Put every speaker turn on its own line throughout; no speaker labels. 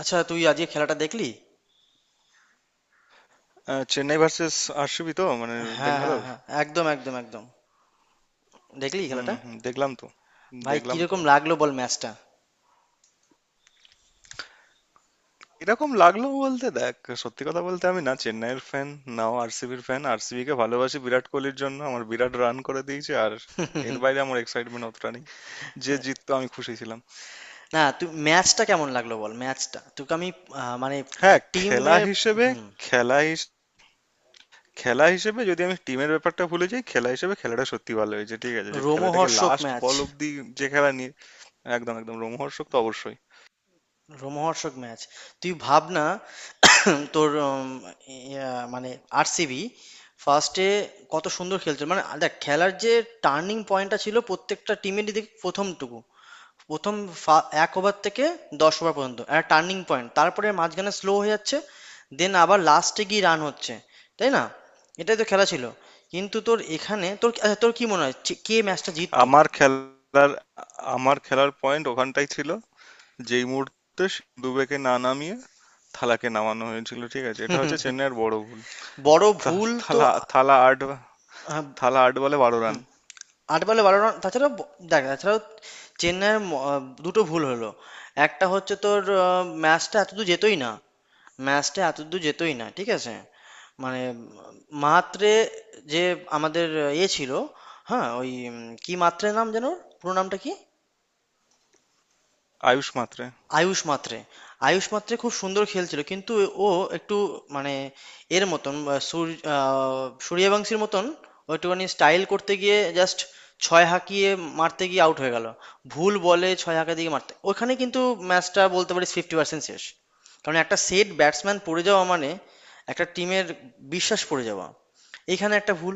আচ্ছা, তুই আজকে খেলাটা দেখলি?
চেন্নাই ভার্সেস আরসিবি, তো মানে
হ্যাঁ হ্যাঁ
বেঙ্গালোর।
হ্যাঁ, একদম একদম একদম। দেখলি
হুম,
খেলাটা?
হুম, দেখলাম তো,
ভাই
দেখলাম তো।
কিরকম লাগলো বল ম্যাচটা?
এরকম লাগলো বলতে, দেখ, সত্যি কথা বলতে আমি না চেন্নাইয়ের ফ্যান, নাও আরসিবির ফ্যান। আরসিবি কে ভালোবাসি বিরাট কোহলির জন্য, আমার বিরাট রান করে দিয়েছে, আর এর বাইরে আমার এক্সাইটমেন্ট অতটা নেই। যে জিততো আমি খুশি ছিলাম।
না তুই ম্যাচটা কেমন লাগলো বল, ম্যাচটা তোকে আমি মানে
হ্যাঁ, খেলা
টিমের।
হিসেবে,
হুম।
খেলা হিস- খেলা হিসেবে যদি আমি টিমের ব্যাপারটা ভুলে যাই, খেলা হিসেবে খেলাটা সত্যি ভালো হয়েছে, ঠিক আছে? যে খেলাটাকে
রোমহর্ষক
লাস্ট
ম্যাচ।
বল অব্দি, যে খেলা নিয়ে, একদম একদম রোমহর্ষক তো অবশ্যই।
রোমহর্ষক ম্যাচ। তুই ভাব না। তোর মানে আরসিবি ফার্স্টে কত সুন্দর খেলছিল, মানে দেখ খেলার যে টার্নিং পয়েন্টটা ছিল প্রত্যেকটা টিমেরই, দেখ প্রথমটুকু, প্রথম এক ওভার থেকে 10 ওভার পর্যন্ত একটা টার্নিং পয়েন্ট, তারপরে মাঝখানে স্লো হয়ে যাচ্ছে, দেন আবার লাস্টে গিয়ে রান হচ্ছে। তাই না? এটাই তো খেলা ছিল। কিন্তু তোর এখানে তোর, আচ্ছা, তোর কি মনে হয় যে- কে ম্যাচটা জিততো?
আমার খেলার আমার খেলার পয়েন্ট ওখানটাই ছিল। যেই মুহূর্তে দুবেকে না নামিয়ে থালাকে নামানো হয়েছিল, ঠিক আছে? এটা হচ্ছে চেন্নাইয়ের বড় ভুল।
বড় ভুল
থা-
তো
থালা থালা আট,
হ্যাঁ।
থালা 8 বলে 12 রান।
হুম। 8 বলে 12 রান, তাছাড়াও দেখ তাছাড়াও চেন্নাইয়ের দুটো ভুল হলো। একটা হচ্ছে তোর, ম্যাচটা এতদূর যেতোই না, ম্যাচটা এতদূর যেতোই না, ঠিক আছে? মানে মাত্রে, যে আমাদের এ ছিল, হ্যাঁ ওই কি মাত্রে নাম যেন ওর? পুরো নামটা কি?
আয়ুষ মাত্রে।
আয়ুশ মাত্রে। আয়ুষ মাত্রে খুব সুন্দর খেলছিল, কিন্তু ও একটু মানে এর মতন সূর্যবংশীর মতন, ও একটুখানি স্টাইল করতে গিয়ে জাস্ট ছয় হাঁকিয়ে মারতে গিয়ে আউট হয়ে গেল। ভুল বলে ছয় হাঁকা দিয়ে মারতে ওখানে কিন্তু ম্যাচটা বলতে পারিস 50% শেষ। কারণ একটা সেট ব্যাটসম্যান পড়ে যাওয়া মানে একটা টিমের বিশ্বাস পড়ে যাওয়া, এখানে একটা ভুল।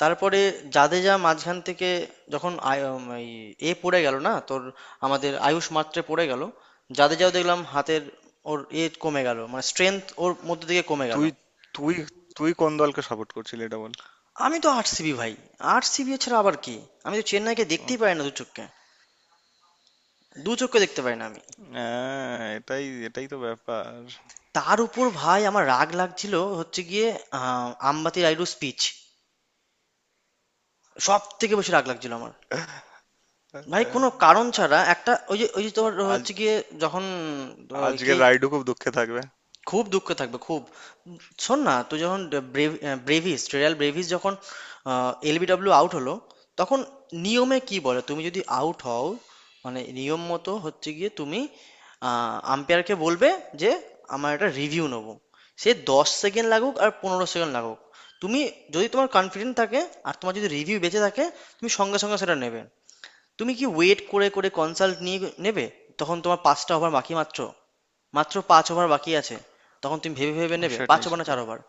তারপরে জাদেজা মাঝখান থেকে, যখন এ পড়ে গেল না তোর, আমাদের আয়ুষ মাত্রে পড়ে গেল, জাদেজাও দেখলাম হাতের ওর এ কমে গেল, মানে স্ট্রেংথ ওর মধ্যে থেকে কমে গেল।
তুই তুই তুই কোন দলকে সাপোর্ট করছিলি এটা বল?
আমি তো আরসিবি ভাই, আরসিবি ছাড়া আবার কি? আমি তো চেন্নাইকে দেখতেই পাই
আচ্ছা।
না, দু চোখকে দু চোখকে দেখতে পাই না আমি।
হ্যাঁ, এটাই এটাই তো ব্যাপার।
তার উপর ভাই আমার রাগ লাগছিল হচ্ছে গিয়ে আম্বাতি রাইডু স্পিচ, সব থেকে বেশি রাগ লাগছিল আমার ভাই। কোনো কারণ
আ-
ছাড়া একটা, ওই যে ওই যে তোর
আজ
হচ্ছে গিয়ে যখন আহ, কে,
আজকের রাইডু খুব দুঃখে থাকবে।
খুব দুঃখ থাকবে খুব। উম, শোন না তুই যখন ব্রেভিস, রেয়াল ব্রেভিস যখন এলবিডব্লিউ আউট হলো, তখন নিয়মে কি বলে? তুমি যদি আউট হও মানে নিয়ম মতো হচ্ছে গিয়ে তুমি আম্পায়ারকে বলবে যে আমার একটা রিভিউ নেবো, সে 10 সেকেন্ড লাগুক আর 15 সেকেন্ড লাগুক, তুমি যদি তোমার কনফিডেন্ট থাকে আর তোমার যদি রিভিউ বেঁচে থাকে, তুমি সঙ্গে সঙ্গে সেটা নেবে। তুমি কি ওয়েট করে করে কনসাল্ট নিয়ে নেবে? তখন তোমার 5টা ওভার বাকি মাত্র, মাত্র 5 ওভার বাকি আছে, তখন তুমি ভেবে ভেবে নেবে পাঁচ
সেটাই
ওভার না
সেটাই।
4 ওভার।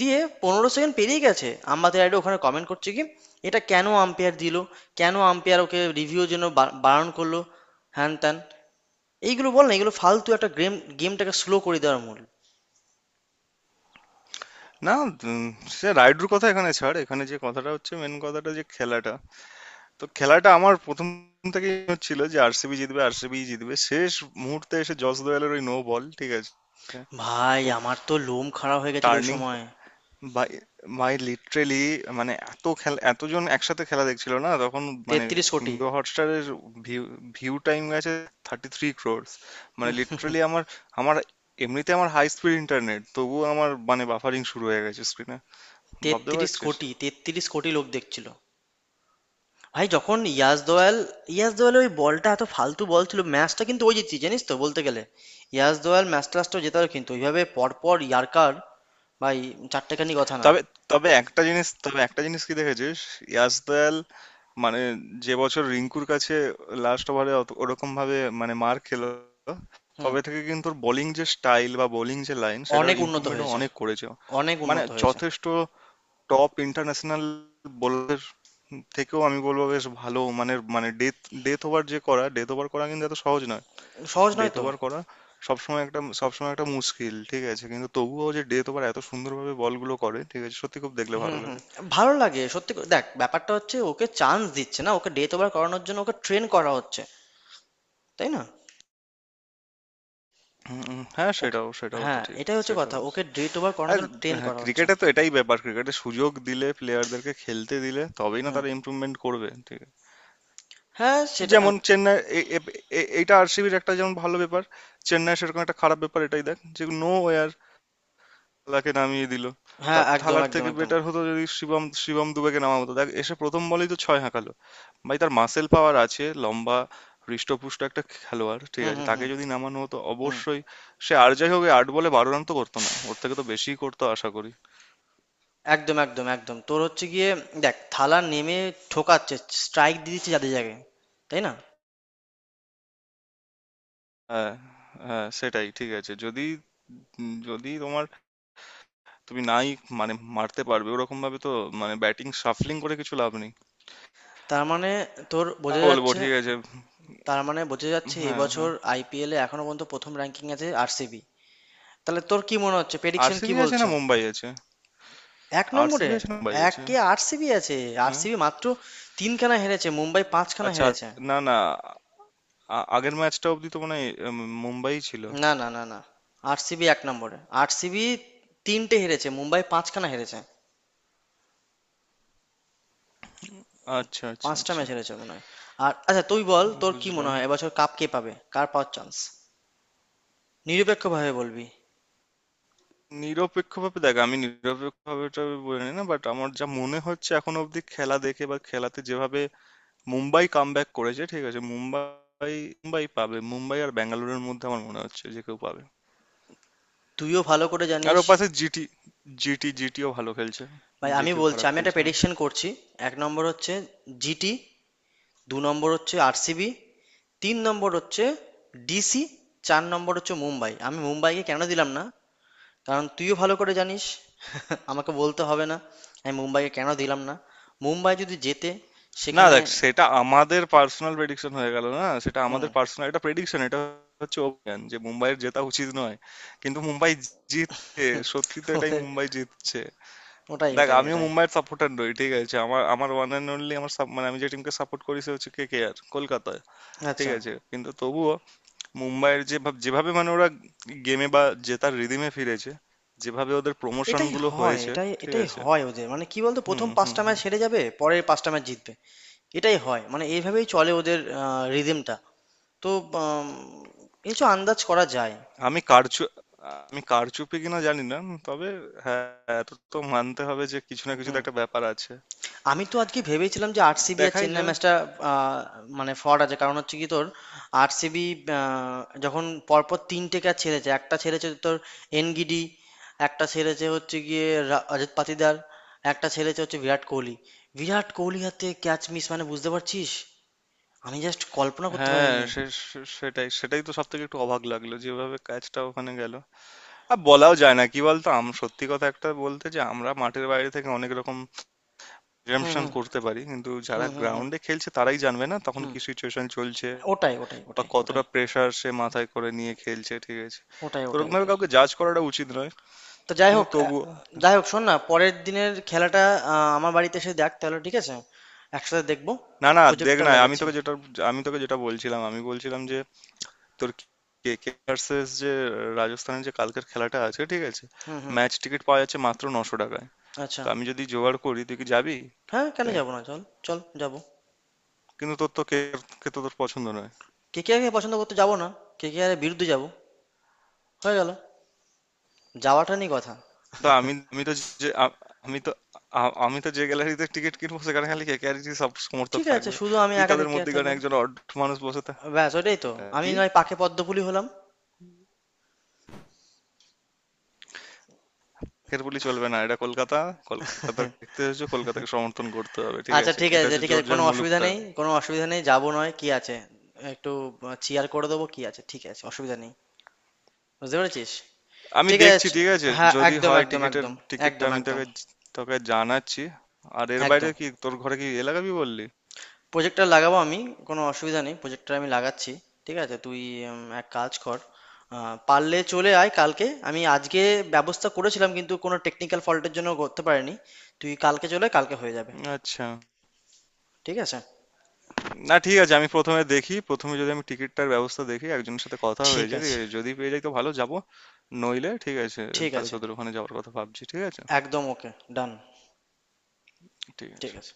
দিয়ে 15 সেকেন্ড পেরিয়ে গেছে, আমাদের অ্যাডে ওখানে কমেন্ট করছে কি এটা কেন আম্পায়ার দিল, কেন আম্পায়ার ওকে রিভিউর জন্য বারণ করলো, হ্যান ত্যান এইগুলো বল না, এগুলো ফালতু, একটা গেম গেমটাকে স্লো করে দেওয়ার মূল।
না, উম, সে রাইডুর কথা এখানে ছাড়, এখানে যে কথাটা হচ্ছে মেন কথাটা, যে খেলাটা, তো খেলাটা আমার প্রথম থেকেই ছিল যে আরসিবি জিতবে, আরসিবি জিতবে। শেষ মুহূর্তে এসে জস দোয়েলের ওই নো বল, ঠিক আছে?
ভাই
উফ,
আমার তো লোম খারাপ হয়ে গেছিল ওই
টার্নিং
সময়।
বাই মাই, লিটারেলি, মানে এত খেলা এতজন একসাথে খেলা দেখছিল না তখন। মানে
33 কোটি,
হটস্টারের ভিউ ভিউ টাইম গেছে 33 কোটি। মানে লিটারেলি আমার আমার এমনিতে আমার হাই স্পিড ইন্টারনেট, তবুও আমার, মানে বাফারিং শুরু হয়ে গেছে স্ক্রিনে। ভাবতে
তেত্রিশ
পারছিস?
কোটি 33 কোটি লোক দেখছিল ভাই। যখন ইয়াস দোয়াল, ইয়াস দোয়ালের ওই বলটা এত ফালতু বল ছিল, ম্যাচটা কিন্তু ওই জিতছি জানিস তো বলতে গেলে। ইয়াস দোয়াল ম্যাচ টাচটাও জেতালো, কিন্তু ওইভাবে পরপর ইয়ার্কার, ভাই চারটেখানি কথা না!
তবে, তবে একটা জিনিস কি দেখেছিস, ইয়াসদয়াল, মানে, যে বছর রিঙ্কুর কাছে লাস্ট ওভারে ওরকম ভাবে মানে মার খেলো,
হুম।
তবে থেকে কিন্তু ওর বোলিং যে স্টাইল, বা বোলিং যে লাইন, সেটার
অনেক উন্নত
ইমপ্রুভমেন্টও
হয়েছে,
অনেক করেছে।
অনেক
মানে
উন্নত হয়েছে।
যথেষ্ট টপ ইন্টারন্যাশনাল বোলার থেকেও আমি বলবো বেশ ভালো, মানে, মানে ডেথ, ডেথ ওভার যে করা ডেথ ওভার করা কিন্তু এত সহজ না।
সহজ নয়
ডেথ
তো।
ওভার করা সবসময় একটা মুশকিল, ঠিক আছে? কিন্তু তবুও যে ডেথ ওভার এত সুন্দরভাবে বলগুলো করে, ঠিক আছে, সত্যি খুব দেখলে
হুম
ভালো
হুম।
লাগে।
ভালো লাগে সত্যি দেখ ব্যাপারটা হচ্ছে ওকে চান্স দিচ্ছে না, ওকে ডেট ওভার করানোর জন্য ওকে ট্রেন করা হচ্ছে। তাই না?
হুম, হুম, হ্যাঁ
ওকে,
সেটাও সেটাও তো
হ্যাঁ
ঠিক।
এটাই হচ্ছে কথা,
সেটাও,
ওকে ডেট ওভার করানোর
আর
জন্য ট্রেন
হ্যাঁ,
করা হচ্ছে।
ক্রিকেটে তো এটাই ব্যাপার, ক্রিকেটে সুযোগ দিলে, প্লেয়ারদেরকে খেলতে দিলে তবেই না
হুম।
তারা ইমপ্রুভমেন্ট করবে, ঠিক আছে?
হ্যাঁ
এই
সেটা।
যেমন চেন্নাই, এইটা আরসিবির একটা যেমন ভালো ব্যাপার, চেন্নাই সেরকম একটা খারাপ ব্যাপার এটাই দেখ যে নো ওয়ার থালাকে নামিয়ে দিল। তা
হ্যাঁ একদম
থালার
একদম
থেকে
একদম।
বেটার হতো যদি শিবম, দুবেকে নামা হতো। দেখ এসে প্রথম বলেই তো ছয় হাঁকালো, ভাই তার মাসেল পাওয়ার আছে, লম্বা হৃষ্টপুষ্ট একটা খেলোয়াড়, ঠিক
হুম
আছে?
হুম
তাকে
হুম।
যদি নামানো হতো,
হুম।
অবশ্যই সে আর যাই হোক এই 8 বলে 12 রান তো করতো না, ওর থেকে তো বেশিই করতো আশা করি।
একদম, একদম, একদম। তোর হচ্ছে গিয়ে দেখ থালা নেমে ঠোকাচ্ছে, স্ট্রাইক দিয়ে দিচ্ছে যাদের জায়গায়, তাই না?
হ্যাঁ, হ্যাঁ, সেটাই, ঠিক আছে যদি, যদি তোমার, তুমি নাই মানে মারতে পারবে ওরকম ভাবে, তো মানে ব্যাটিং শাফলিং করে কিছু লাভ নেই।
তার মানে তোর
আর
বোঝা
বলবো,
যাচ্ছে,
ঠিক আছে?
তার মানে বোঝা যাচ্ছে
হ্যাঁ,
এবছর
হ্যাঁ।
আইপিএলে এখনো পর্যন্ত প্রথম র্যাঙ্কিং আছে আরসিবি। তাহলে তোর কি মনে হচ্ছে, প্রেডিকশন কি
আরসিবি আছে না
বলছে?
মুম্বাই আছে,
এক নম্বরে,
আরসিবি আছে না মুম্বাই আছে।
একে আরসিবি আছে।
হ্যাঁ?
আরসিবি মাত্র তিনখানা হেরেছে, মুম্বাই পাঁচখানা
আচ্ছা।
হেরেছে।
না, না, আগের ম্যাচটা অবধি তো মনে হয় মুম্বাই ছিল।
না না না না, আরসিবি এক নম্বরে। আরসিবি তিনটে হেরেছে, মুম্বাই পাঁচখানা হেরেছে,
আচ্ছা, আচ্ছা,
পাঁচটা
আচ্ছা।
ম্যাচ হেরেছে মনে হয়। আর আচ্ছা তুই বল, তোর কি মনে
বুঝলাম।
হয় এবছর কাপ কে পাবে, কার পাওয়ার চান্স? নিরপেক্ষভাবে বলবি।
নিরপেক্ষভাবে, দেখ, আমি নিরপেক্ষভাবে এটা বলে নিই না, বাট আমার যা মনে হচ্ছে এখন অবধি খেলা দেখে, বা খেলাতে যেভাবে মুম্বাই কামব্যাক করেছে, ঠিক আছে? মুম্বাই, মুম্বাই পাবে আর ব্যাঙ্গালোরের মধ্যে আমার মনে হচ্ছে যে কেউ পাবে।
তুইও ভালো করে
আর
জানিস।
ওপাশে জিটি, জিটিও ভালো খেলছে,
ভাই আমি
জিটিও
বলছি,
খারাপ
আমি একটা
খেলছে না।
প্রেডিকশন করছি। এক নম্বর হচ্ছে জিটি, দু নম্বর হচ্ছে আরসিবি, তিন নম্বর হচ্ছে ডিসি, চার নম্বর হচ্ছে মুম্বাই। আমি মুম্বাইকে কেন দিলাম না কারণ তুইও ভালো করে জানিস। আমাকে বলতে হবে না আমি মুম্বাইকে কেন দিলাম না। মুম্বাই যদি জেতে
না,
সেখানে।
দেখ, সেটা আমাদের পার্সোনাল প্রেডিকশন হয়ে গেল, না সেটা
হুম।
আমাদের পার্সোনাল একটা প্রেডিকশন। এটা হচ্ছে অভিযান যে মুম্বাইয়ের জেতা উচিত নয়, কিন্তু মুম্বাই জিতছে, সত্যি তো এটাই,
ওদের
মুম্বাই জিতছে।
ওটাই
দেখ
ওটাই
আমিও
এটাই।
মুম্বাইয়ের সাপোর্টার নই, ঠিক আছে? আমার, আমার ওয়ান অ্যান্ড অনলি sup-, মানে আমি যে টিমকে সাপোর্ট করি সে হচ্ছে কে কে আর, কলকাতায়। ঠিক
আচ্ছা।
আছে? কিন্তু তবুও মুম্বাইয়ের যে যেভাবে মানে ওরা গেমে, বা জেতার রিদিমে ফিরেছে, যেভাবে ওদের প্রমোশন
এটাই
গুলো
হয়,
হয়েছে,
এটাই
ঠিক
এটাই
আছে।
হয় ওদের, মানে কি বলতো,
হুম,
প্রথম
হুম,
পাঁচটা ম্যাচ
হুম।
হেরে যাবে পরের পাঁচটা ম্যাচ জিতবে, এটাই হয়, মানে এইভাবেই চলে ওদের রিদমটা, তো উম, কিছু আন্দাজ করা যায়।
আমি কারচু আমি কারচুপি কিনা জানি না, তবে, হ্যাঁ, এত তো মানতে হবে যে কিছু না কিছু তো
হুম।
একটা ব্যাপার আছে।
আমি তো আজকে ভেবেছিলাম যে আরসিবি আর
দেখাই
চেন্নাই
যাক।
ম্যাচটা, মানে ফ্রড আছে, কারণ হচ্ছে কি তোর আরসিবি যখন পরপর তিনটে ক্যাচ ছেড়েছে, একটা ছেড়েছে তোর এনগিডি, একটা ছেড়েছে হচ্ছে গিয়ে রজত পাতিদার, একটা ছেড়েছে হচ্ছে বিরাট কোহলি। বিরাট কোহলি হাতে ক্যাচ মিস, মানে বুঝতে পারছিস, আমি জাস্ট কল্পনা করতে
হ্যাঁ,
পারিনি।
সে, সেটাই সেটাই তো সব থেকে একটু অবাক লাগলো যেভাবে কাজটা ওখানে গেল। আর বলাও যায় না কি বলতো, সত্যি কথা একটা বলতে, যে আমরা মাঠের বাইরে থেকে অনেক রকম
হুম
প্রিজাম্পশন
হুম
করতে পারি, কিন্তু যারা
হুম। হুম হুম
গ্রাউন্ডে খেলছে তারাই জানবে না তখন
হুম।
কি সিচুয়েশন চলছে,
ওটাই ওটাই
বা
ওটাই ওটাই।
কতটা প্রেসার সে মাথায় করে নিয়ে খেলছে, ঠিক আছে?
ওটাই
তো
ওটাই
ওরকম ভাবে
ওটাই।
কাউকে জাজ করাটা উচিত নয়,
তো যাই
কিন্তু
হোক,
তবুও।
যাই হোক শোন না পরের দিনের খেলাটা, আমার বাড়িতে এসে দেখ তাহলে, ঠিক আছে? একসাথে দেখবো,
না, না, দেখ
প্রজেক্টটা
না, আমি
লাগাচ্ছি।
তোকে যেটা আমি তোকে যেটা বলছিলাম, আমি বলছিলাম যে তোর, কে কে ভার্সেস যে রাজস্থানের যে কালকের খেলাটা আছে, ঠিক আছে?
হুম হুম।
ম্যাচ টিকিট পাওয়া যাচ্ছে মাত্র 900 টাকায়।
আচ্ছা।
তো আমি যদি জোগাড় করি, তুই কি যাবি
হ্যাঁ কেন
তে?
যাবো না, চল। চল যাবো।
কিন্তু তোর তো কে কে তো তোর পছন্দ নয়।
কে কে আরকে পছন্দ করতে যাবো না, কে কে আর বিরুদ্ধে যাবো, হয়ে গেল, যাওয়াটা নিয়ে কথা।
তো আমি আমি তো যে আ- আমি তো আ- আমি তো যে গ্যালারিতে টিকিট কিনবো সেখানে খালি কে কে আর সব সমর্থক
ঠিক আছে,
থাকবে।
শুধু আমি
তুই
একা কে
তাদের
কে আর
মধ্যে মধ্যেখানে
থাকবো না।
একজন অড মানুষ বসে থাক।
ব্যাস ওটাই তো, আমি
কি,
নয় পাখে পদ্মফুলি হলাম।
এর বলি চলবে না, এটা কলকাতা, কলকাতা দেখতে হয়েছে কলকাতাকে সমর্থন করতে হবে, ঠিক
আচ্ছা
আছে?
ঠিক
এটা
আছে,
হচ্ছে
ঠিক আছে, কোনো
জোরজার
অসুবিধা
মুলুকতার।
নেই, কোনো অসুবিধা নেই, যাবো, নয় কি আছে? একটু চিয়ার করে দেবো, কি আছে, ঠিক আছে, অসুবিধা নেই, বুঝতে পেরেছিস?
আমি
ঠিক আছে
দেখছি, ঠিক আছে?
হ্যাঁ
যদি
একদম
হয়
একদম
টিকিটের,
একদম।
টিকিটটা
একদম
আমি
একদম
তোকে, জানাচ্ছি। আর এর বাইরে
একদম।
কি তোর ঘরে কি এলাকাবি বললি?
প্রজেক্টর লাগাবো আমি, কোনো অসুবিধা নেই, প্রজেক্টর আমি লাগাচ্ছি। ঠিক আছে তুই, এক কাজ কর, পারলে চলে আয় কালকে, আমি আজকে ব্যবস্থা করেছিলাম কিন্তু কোনো টেকনিক্যাল ফল্টের জন্য করতে পারিনি। তুই কালকে চলে আয়, কালকে হয়ে যাবে।
আচ্ছা।
ঠিক আছে।
না, ঠিক আছে, আমি প্রথমে দেখি, প্রথমে যদি আমি টিকিটটার ব্যবস্থা দেখি, একজনের সাথে কথা হয়ে
ঠিক
যায়, ঠিক
আছে।
আছে? যদি পেয়ে যাই তো ভালো যাবো, নইলে ঠিক আছে,
ঠিক
তাহলে
আছে।
তোদের ওখানে যাওয়ার কথা ভাবছি, ঠিক আছে।
একদম ওকে। ডান।
ঠিক
ঠিক
আছে।
আছে।